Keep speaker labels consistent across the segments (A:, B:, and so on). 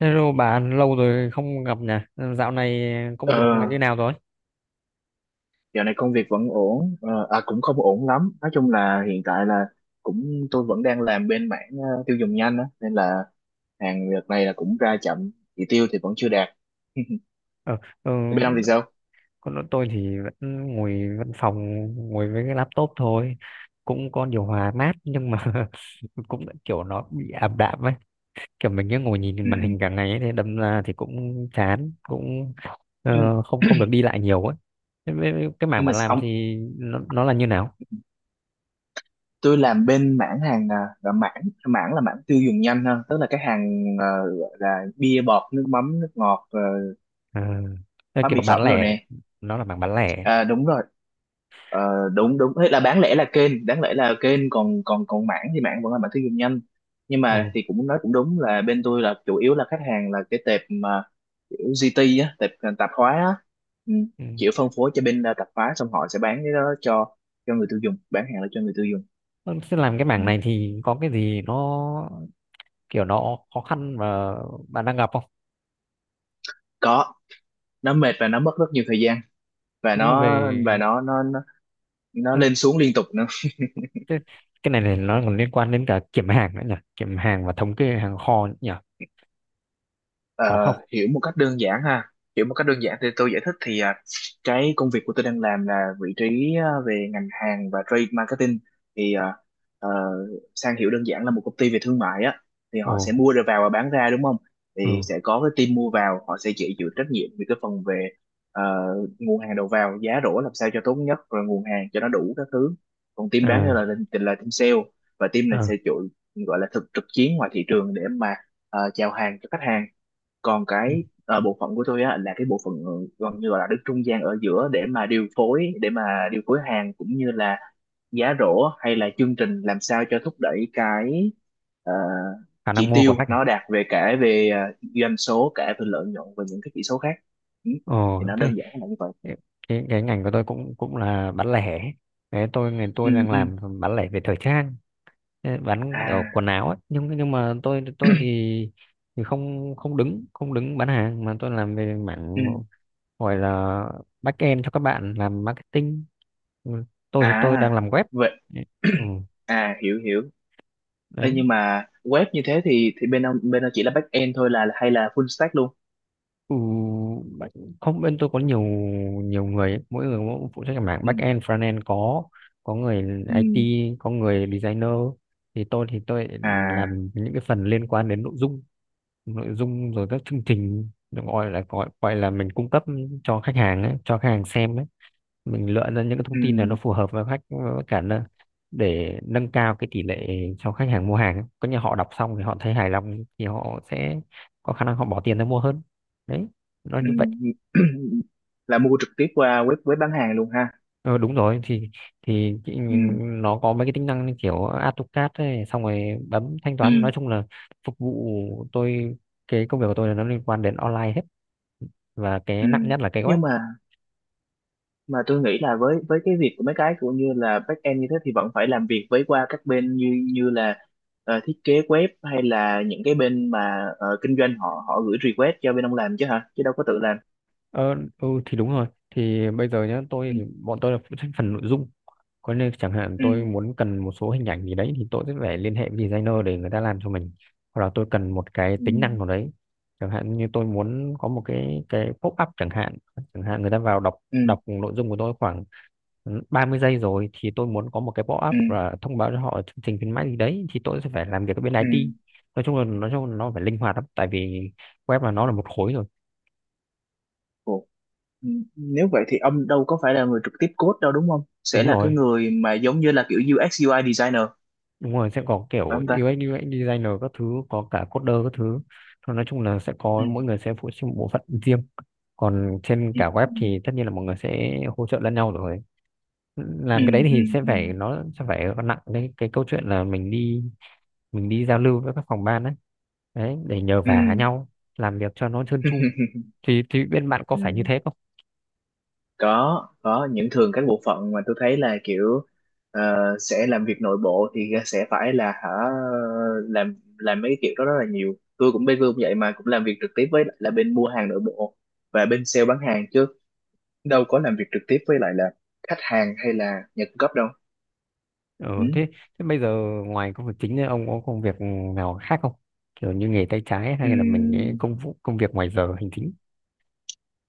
A: Hello bạn, lâu rồi không gặp nhỉ. Dạo này công việc
B: Ờ,
A: như nào rồi?
B: Dạo này công việc vẫn ổn, à, cũng không ổn lắm. Nói chung là hiện tại là cũng tôi vẫn đang làm bên mảng tiêu dùng nhanh á, nên là hàng việc này là cũng ra chậm, chỉ tiêu thì vẫn chưa đạt.
A: Ờ, ừ,
B: Bên ông thì sao?
A: còn tôi thì vẫn ngồi văn phòng, ngồi với cái laptop thôi. Cũng có điều hòa mát nhưng mà cũng kiểu nó bị ảm đạm ấy. Kiểu mình cứ ngồi nhìn
B: Ừ.
A: màn hình cả ngày ấy, thì đâm ra thì cũng chán, cũng
B: Nhưng,
A: không không được đi lại nhiều ấy. Thế cái mảng
B: nhưng mà
A: bạn làm
B: ông,
A: thì nó là như nào?
B: tôi làm bên mảng hàng à, là mảng mảng là mảng tiêu dùng nhanh hơn, tức là cái hàng gọi là bia bọt, nước mắm, nước ngọt,
A: À, thế
B: hóa
A: kiểu
B: mỹ
A: bán
B: phẩm rồi
A: lẻ,
B: nè.
A: nó là mảng bán lẻ.
B: À, đúng rồi. Ờ, đúng đúng, thế là đáng lẽ là kênh còn còn còn mảng thì mảng vẫn là mảng tiêu dùng nhanh, nhưng mà
A: Ừ,
B: thì cũng nói cũng đúng là bên tôi là chủ yếu là khách hàng là cái tệp mà kiểu GT á, tệp à, tạp hóa á. Ừ,
A: ừ.
B: chịu phân phối cho bên à, tạp hóa, xong họ sẽ bán cái đó cho người tiêu dùng, bán hàng là cho người tiêu dùng.
A: Vâng. Thế làm cái mảng
B: Ừ.
A: này thì có cái gì nó kiểu nó khó khăn mà bạn đang gặp không?
B: Có, nó mệt và nó mất rất nhiều thời gian, và
A: Nó
B: nó và
A: về
B: nó nó nó, nó
A: nó-
B: lên xuống liên tục.
A: cái, cái này này nó còn liên quan đến cả kiểm hàng nữa nhỉ? Kiểm hàng và thống kê hàng kho nhỉ?
B: Ờ,
A: Có không?
B: Hiểu một cách đơn giản thì tôi giải thích thì cái công việc của tôi đang làm là vị trí về ngành hàng và trade marketing, thì ờ, sang hiểu đơn giản là một công ty về thương mại á, thì
A: Ồ,
B: họ sẽ mua rồi vào và bán ra, đúng không? Thì
A: ừ,
B: sẽ có cái team mua vào, họ sẽ chịu chịu trách nhiệm về cái phần về ờ, nguồn hàng đầu vào giá rổ làm sao cho tốt nhất, rồi nguồn hàng cho nó đủ các thứ. Còn team bán ra
A: à,
B: là team sale, và team này
A: à,
B: sẽ chịu, gọi là thực trực chiến ngoài thị trường để mà chào hàng cho khách hàng. Còn cái bộ phận của tôi á là cái bộ phận gần như gọi là đứng trung gian ở giữa để mà điều phối hàng cũng như là giá rổ hay là chương trình làm sao cho thúc đẩy cái ờ,
A: khả năng
B: chỉ
A: mua của
B: tiêu
A: khách
B: nó
A: à?
B: đạt về cả về doanh số, cả về lợi nhuận và những cái chỉ số khác. Ừ,
A: Ồ,
B: thì nó
A: thế
B: đơn giản là như vậy.
A: cái ngành của tôi cũng cũng là bán lẻ. Thế ngành tôi
B: Ừ,
A: đang
B: ừ,
A: làm bán lẻ về thời trang. Thế bán ở quần
B: à,
A: áo ấy. Nhưng mà tôi thì không không đứng không đứng bán hàng, mà tôi làm về
B: ừ,
A: mảng gọi là back end cho các bạn làm marketing. Ừ, tôi thì
B: à,
A: tôi đang làm web,
B: vậy.
A: ừ,
B: À, hiểu hiểu. Ê,
A: đấy.
B: nhưng mà web như thế thì bên ông chỉ là back end thôi, là hay là full stack luôn?
A: Ừ, back- không, bên tôi có nhiều nhiều người ấy. Mỗi người mỗi phụ trách cái mảng
B: Ừ,
A: back end, front end, có người
B: ừ,
A: IT, có người designer. Tôi thì tôi
B: à,
A: làm những cái phần liên quan đến nội dung, nội dung rồi các chương trình được gọi là mình cung cấp cho khách hàng ấy, cho khách hàng xem ấy. Mình lựa ra những cái
B: ừ,
A: thông tin là nó phù hợp với khách, với cả để nâng cao cái tỷ lệ cho khách hàng mua hàng ấy. Có như họ đọc xong thì họ thấy hài lòng thì họ sẽ có khả năng họ bỏ tiền ra mua hơn. Đấy, nó
B: ừ.
A: như vậy.
B: Là mua trực tiếp qua web web bán hàng luôn ha?
A: Ờ, đúng rồi, thì chị-
B: Ừ,
A: nó có mấy cái tính năng như kiểu AutoCAD ấy, xong rồi bấm thanh
B: ừ,
A: toán, nói chung là phục vụ tôi. Cái công việc của tôi là nó liên quan đến online hết, và cái nặng
B: ừ.
A: nhất là cái web.
B: Nhưng mà tôi nghĩ là với cái việc của mấy cái cũng như là back end như thế thì vẫn phải làm việc với qua các bên như như là thiết kế web hay là những cái bên mà kinh doanh, họ họ gửi request cho bên ông làm chứ, hả, chứ đâu có tự làm?
A: Ờ, ừ thì đúng rồi, thì bây giờ nhá, tôi
B: Ừ,
A: thì bọn tôi là phụ trách phần nội dung. Nên chẳng hạn
B: ừ,
A: tôi muốn cần một số hình ảnh gì đấy thì tôi sẽ phải liên hệ với designer để người ta làm cho mình, hoặc là tôi cần một cái
B: ừ,
A: tính năng nào đấy, chẳng hạn như tôi muốn có một cái pop up chẳng hạn. Chẳng hạn người ta vào đọc,
B: ừ,
A: đọc nội dung của tôi khoảng, ừ, 30 giây rồi thì tôi muốn có một cái pop up
B: ừ,
A: và thông báo cho họ chương trình khuyến mãi gì đấy thì tôi sẽ phải làm việc ở bên
B: ừ.
A: IT. Nói chung là nó phải linh hoạt lắm, tại vì web là nó là một khối rồi.
B: Ồ, ừ. Nếu vậy thì ông đâu có phải là người trực tiếp code đâu, đúng không? Sẽ
A: đúng
B: là cái
A: rồi
B: người mà giống như là kiểu UX UI designer,
A: đúng rồi sẽ có kiểu
B: phải không ta?
A: UX UX designer các thứ, có cả coder các thứ. Thôi nói chung là sẽ
B: Ừ,
A: có mỗi người sẽ phụ trách một bộ phận riêng, còn trên
B: ừ,
A: cả web thì tất nhiên là mọi người sẽ hỗ trợ lẫn nhau rồi.
B: ừ,
A: Làm cái đấy
B: ừ,
A: thì sẽ
B: ừ,
A: phải, nó sẽ phải nặng cái câu chuyện là mình đi giao lưu với các phòng ban đấy, đấy để nhờ
B: ừ,
A: vả nhau, làm việc cho nó trơn
B: ừ.
A: tru. Thì bên bạn có phải như
B: Ừ,
A: thế.
B: có những thường các bộ phận mà tôi thấy là kiểu ờ, sẽ làm việc nội bộ thì sẽ phải là hả, làm mấy cái kiểu đó rất là nhiều. Tôi cũng, bên Vương cũng vậy mà, cũng làm việc trực tiếp với lại là bên mua hàng nội bộ và bên sale bán hàng, chứ đâu có làm việc trực tiếp với lại là khách hàng hay là nhà cung cấp đâu. Ừ.
A: Ừ, thế bây giờ ngoài công việc chính ấy, ông có công việc nào khác không? Kiểu như nghề tay trái,
B: Ừ.
A: hay là mình cái công vụ công việc ngoài giờ hành chính?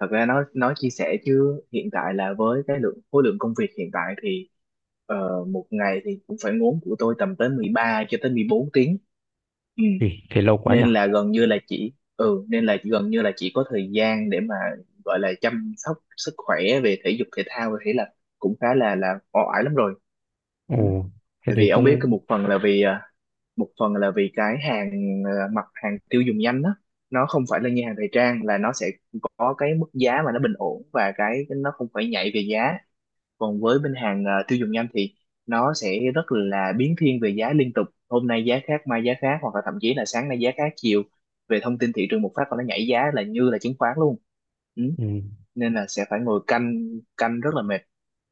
B: Thật ra nó nói chia sẻ chứ hiện tại là với cái khối lượng công việc hiện tại thì một ngày thì cũng phải ngốn của tôi tầm tới 13 cho tới 14 tiếng. Ừ.
A: Thì thế lâu quá nhỉ?
B: Nên là gần như là chỉ có thời gian để mà gọi là chăm sóc sức khỏe về thể dục thể thao thì là cũng khá là oải lắm rồi.
A: Ồ,
B: Ừ.
A: thế
B: Tại
A: thì
B: vì ông biết cái
A: công,
B: một phần là vì cái hàng mặt hàng tiêu dùng nhanh đó, nó không phải là như hàng thời trang là nó sẽ có cái mức giá mà nó bình ổn và cái nó không phải nhảy về giá. Còn với bên hàng tiêu dùng nhanh thì nó sẽ rất là biến thiên về giá liên tục, hôm nay giá khác mai giá khác, hoặc là thậm chí là sáng nay giá khác chiều. Về thông tin thị trường một phát là nó nhảy giá là như là chứng khoán luôn. Ừ.
A: ừ.
B: Nên là sẽ phải ngồi canh, canh rất là mệt,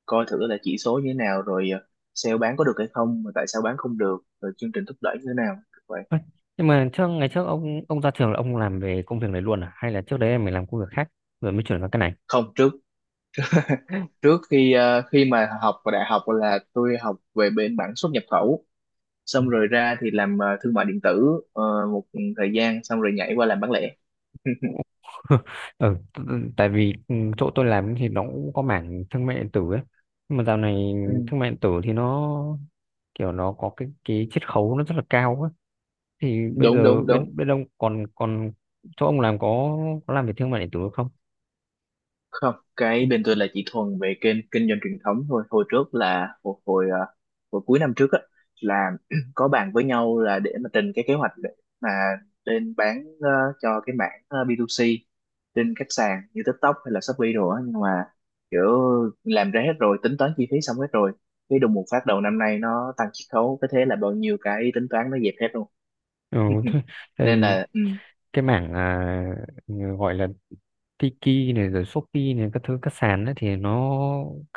B: coi thử là chỉ số như thế nào rồi sale bán có được hay không, mà tại sao bán không được, rồi chương trình thúc đẩy như thế nào vậy.
A: Ơ, nhưng mà trước, ngày trước ông ra trường là ông làm về công việc này luôn à? Hay là trước đấy em mới làm công việc khác rồi mới chuyển vào cái này?
B: Không, trước, khi học vào đại học là tôi học về bên mảng xuất nhập khẩu, xong rồi ra thì làm thương mại điện tử, một thời gian, xong rồi nhảy qua làm bán lẻ.
A: Ừ, tại vì, ừ, chỗ tôi làm thì nó cũng có mảng thương mại điện tử ấy, nhưng mà dạo này
B: Ừ,
A: thương mại điện tử thì nó kiểu nó có cái chiết khấu nó rất là cao ấy. Thì bây
B: đúng
A: giờ
B: đúng đúng.
A: bên bên ông còn còn chỗ ông làm có làm về thương mại điện tử không?
B: Không, cái bên tôi là chỉ thuần về kênh kinh doanh truyền thống thôi. Hồi trước là hồi hồi, ờ, hồi cuối năm trước á, là có bàn với nhau là để mà trình cái kế hoạch để mà lên bán cho cái mảng B2C trên các sàn như TikTok hay là Shopee đồ á, nhưng mà kiểu làm ra hết rồi, tính toán chi phí xong hết rồi, cái đùng một phát đầu năm nay nó tăng chiết khấu cái thế là bao nhiêu cái tính toán nó dẹp hết luôn.
A: Ừ, thế,
B: Nên
A: thế
B: là ừ,
A: cái mảng, à, gọi là Tiki này rồi Shopee này các thứ các sàn ấy, thì nó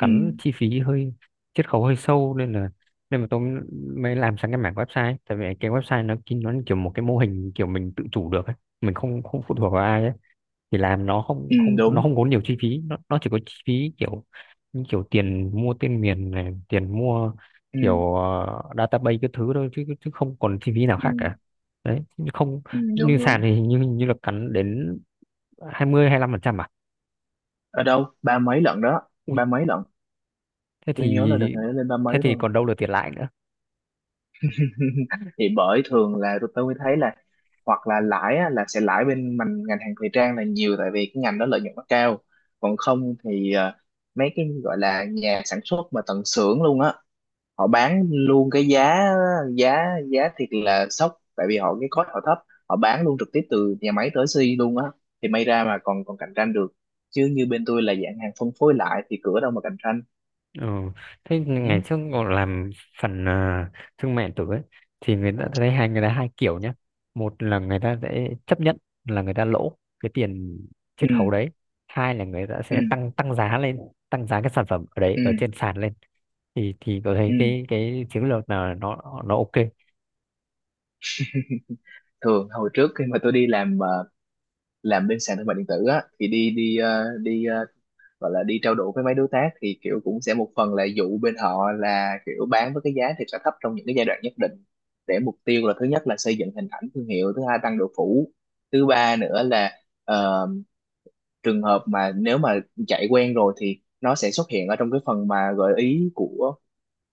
B: ừ,
A: chi phí hơi, chiết khấu hơi sâu nên là, nên mà tôi mới làm sang cái mảng website. Tại vì cái website nó chính nó như kiểu một cái mô hình kiểu mình tự chủ được ấy. Mình không không phụ thuộc vào ai ấy. Thì làm nó không
B: ừ,
A: không nó
B: đúng,
A: không có nhiều chi phí, nó chỉ có chi phí kiểu như kiểu tiền mua tên miền này, tiền mua
B: ừ,
A: kiểu, ờ, database cái thứ thôi, chứ chứ không còn chi phí nào
B: ừ,
A: khác cả. Đấy, nhưng không
B: ừ,
A: như
B: đúng
A: sàn
B: đúng.
A: thì hình như là cắn đến hai hai mươi lăm phần trăm à?
B: Ở đâu ba mấy lận đó, ba
A: Ui,
B: mấy lận.
A: thế
B: Tôi nhớ
A: thì,
B: là đợt này lên ba
A: thế
B: mấy
A: thì
B: rồi.
A: còn đâu là tiền lãi nữa.
B: Thì bởi thường là tôi mới thấy là hoặc là lãi á, là sẽ lãi bên mình, ngành hàng thời trang là nhiều, tại vì cái ngành đó lợi nhuận nó cao. Còn không thì à, mấy cái gọi là nhà sản xuất mà tận xưởng luôn á, họ bán luôn cái giá giá giá thiệt là sốc, tại vì họ cái cost họ thấp, họ bán luôn trực tiếp từ nhà máy tới xi luôn á, thì may ra mà còn còn cạnh tranh được. Chứ như bên tôi là dạng hàng phân phối lại thì cửa đâu mà cạnh tranh.
A: Ừ. Thế
B: Ừ.
A: ngày trước cậu làm phần, à, thương mại điện tử ấy, thì người ta thấy người ta hai kiểu nhé. Một là người ta sẽ chấp nhận là người ta lỗ cái tiền
B: Ừ.
A: chiết khấu đấy, hai là người ta sẽ
B: Ừ,
A: tăng tăng giá lên, tăng giá cái sản phẩm ở đấy ở trên
B: ừ,
A: sàn lên. Thì cậu thấy
B: ừ.
A: cái chiến lược là nó ok.
B: Thường hồi trước khi mà tôi đi làm làm bên sàn thương mại điện tử á, thì đi đi ờ, gọi là đi trao đổi với mấy đối tác, thì kiểu cũng sẽ một phần là dụ bên họ là kiểu bán với cái giá thì sẽ thấp trong những cái giai đoạn nhất định, để mục tiêu là thứ nhất là xây dựng hình ảnh thương hiệu, thứ hai tăng độ phủ, thứ ba nữa là ờ, trường hợp mà nếu mà chạy quen rồi thì nó sẽ xuất hiện ở trong cái phần mà gợi ý của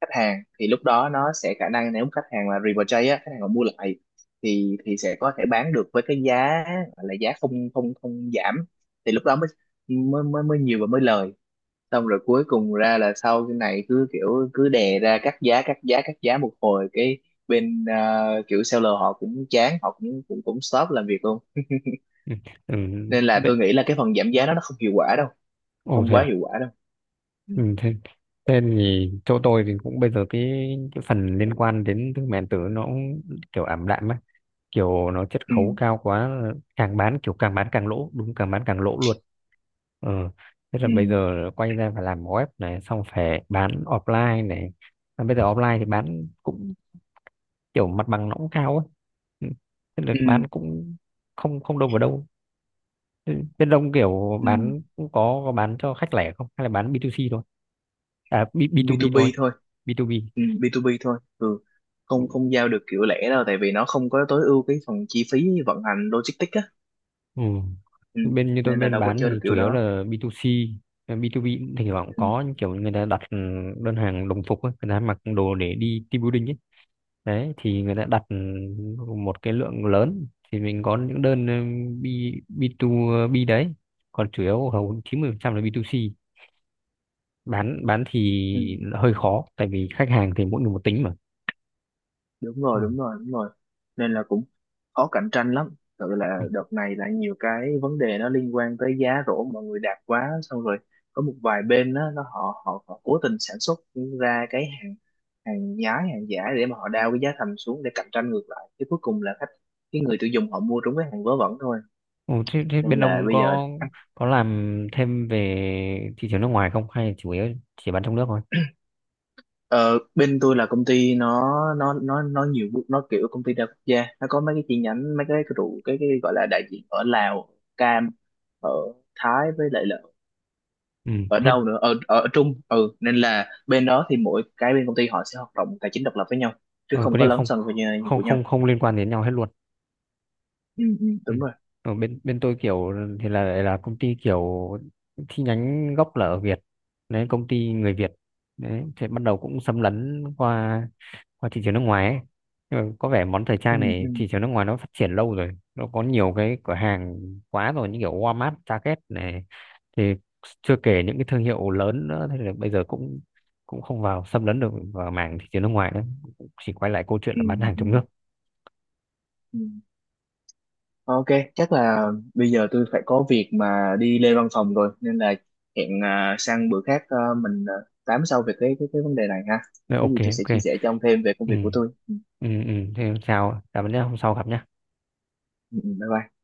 B: khách hàng, thì lúc đó nó sẽ khả năng nếu khách hàng là repurchase á, khách hàng mà mua lại, thì sẽ có thể bán được với cái giá gọi là giá không không không giảm, thì lúc đó mới nhiều và mới lời. Xong rồi cuối cùng ra là sau cái này, cứ kiểu cứ đè ra cắt giá cắt giá cắt giá một hồi, cái bên kiểu seller họ cũng chán, họ cũng cũng cũng stop làm việc luôn.
A: Ừ. Ừ.
B: Nên là tôi
A: Vậy-
B: nghĩ là cái phần giảm giá đó nó không hiệu quả đâu,
A: Ồ,
B: không
A: thế
B: quá
A: à?
B: hiệu quả đâu. Ừ,
A: Ừ, thế thì chỗ tôi thì cũng bây giờ cái phần liên quan đến thương mại điện tử nó cũng kiểu ảm đạm ấy. Kiểu nó chiết
B: ừ,
A: khấu cao quá, càng bán kiểu càng bán càng lỗ, đúng, càng bán càng lỗ luôn. Ừ. Thế là bây
B: ừ,
A: giờ quay ra phải làm web này, xong phải bán offline này, mà bây giờ offline thì bán cũng kiểu mặt bằng nó cũng cao ấy. Ừ. Thế là
B: ừ,
A: bán cũng không không đâu vào đâu. Thế bên đông kiểu
B: ừ.
A: bán cũng có bán cho khách lẻ không hay là bán B2C thôi, à B, B2B thôi.
B: B2B thôi.
A: B2B.
B: Ừ, B2B thôi. Ừ. không không giao được kiểu lẻ đâu, tại vì nó không có tối ưu cái phần chi phí vận hành logistics á.
A: Ừ.
B: Ừ.
A: Bên như tôi
B: Nên là
A: bên
B: đâu có
A: bán
B: chơi được
A: thì chủ
B: kiểu
A: yếu
B: đó.
A: là B2C, à, B2B cũng thỉnh thoảng cũng
B: Ừ.
A: có những kiểu người ta đặt, ừ, đơn hàng đồng phục ấy, người ta mặc đồ để đi team building ấy. Đấy thì người ta đặt, ừ, một cái lượng lớn thì mình có những đơn, ừ, B B2B đấy. Còn chủ yếu hầu 90% là B2C. Bán thì
B: Ừ.
A: hơi khó tại vì khách hàng thì mỗi người một tính mà.
B: Đúng
A: Ừ.
B: rồi, đúng rồi, đúng rồi. Nên là cũng khó cạnh tranh lắm. Thật là đợt này là nhiều cái vấn đề nó liên quan tới giá rổ mọi người đạt quá, xong rồi có một vài bên đó, nó họ, họ họ cố tình sản xuất ra cái hàng hàng nhái hàng giả để mà họ đao cái giá thành xuống để cạnh tranh ngược lại, chứ cuối cùng là cái người tiêu dùng họ mua trúng cái hàng vớ vẩn thôi.
A: Ừ, thế
B: Nên
A: bên
B: là
A: ông
B: bây giờ
A: có làm thêm về thị trường nước ngoài không, hay chủ yếu chỉ bán trong nước thôi?
B: ờ, bên tôi là công ty, nó kiểu công ty đa quốc gia, nó có mấy cái chi nhánh, mấy cái gọi là đại diện ở Lào, Cam, ở Thái, với lại là
A: Ừ,
B: ở
A: hết.
B: đâu nữa, ở ở Trung. Ừ, nên là bên đó thì mỗi cái bên công ty họ sẽ hoạt động tài chính độc lập với nhau chứ
A: Ờ, có
B: không có
A: điều
B: lấn
A: không,
B: sân với nhau
A: không
B: của nhau.
A: không không liên quan đến nhau hết luôn.
B: Ừ, ừ,
A: Ừ.
B: đúng rồi.
A: Ở bên bên tôi kiểu thì là công ty kiểu chi nhánh gốc là ở Việt, đấy, công ty người Việt. Đấy thì bắt đầu cũng xâm lấn qua qua thị trường nước ngoài ấy. Nhưng mà có vẻ món thời trang
B: Ừ, ừ.
A: này thị trường nước ngoài nó phát triển lâu rồi, nó có nhiều cái cửa hàng quá rồi, như kiểu Walmart, Target này, thì chưa kể những cái thương hiệu lớn nữa. Thế là bây giờ cũng cũng không vào xâm lấn được vào mảng thị trường nước ngoài nữa, chỉ quay lại câu chuyện
B: Ừ,
A: là bán hàng trong nước.
B: ừ. Ok, chắc là bây giờ tôi phải có việc mà đi lên văn phòng rồi, nên là hẹn sang bữa khác, mình tám sau về cái vấn đề này ha.
A: Rồi,
B: Có
A: ok.
B: gì tôi sẽ
A: Ok.
B: chia sẻ cho ông thêm về công
A: Ừ,
B: việc của tôi. Ừ,
A: ừ, ừ. Thế sao, cảm ơn, hôm sau gặp nhé.
B: ừ, ừ. Bye bye.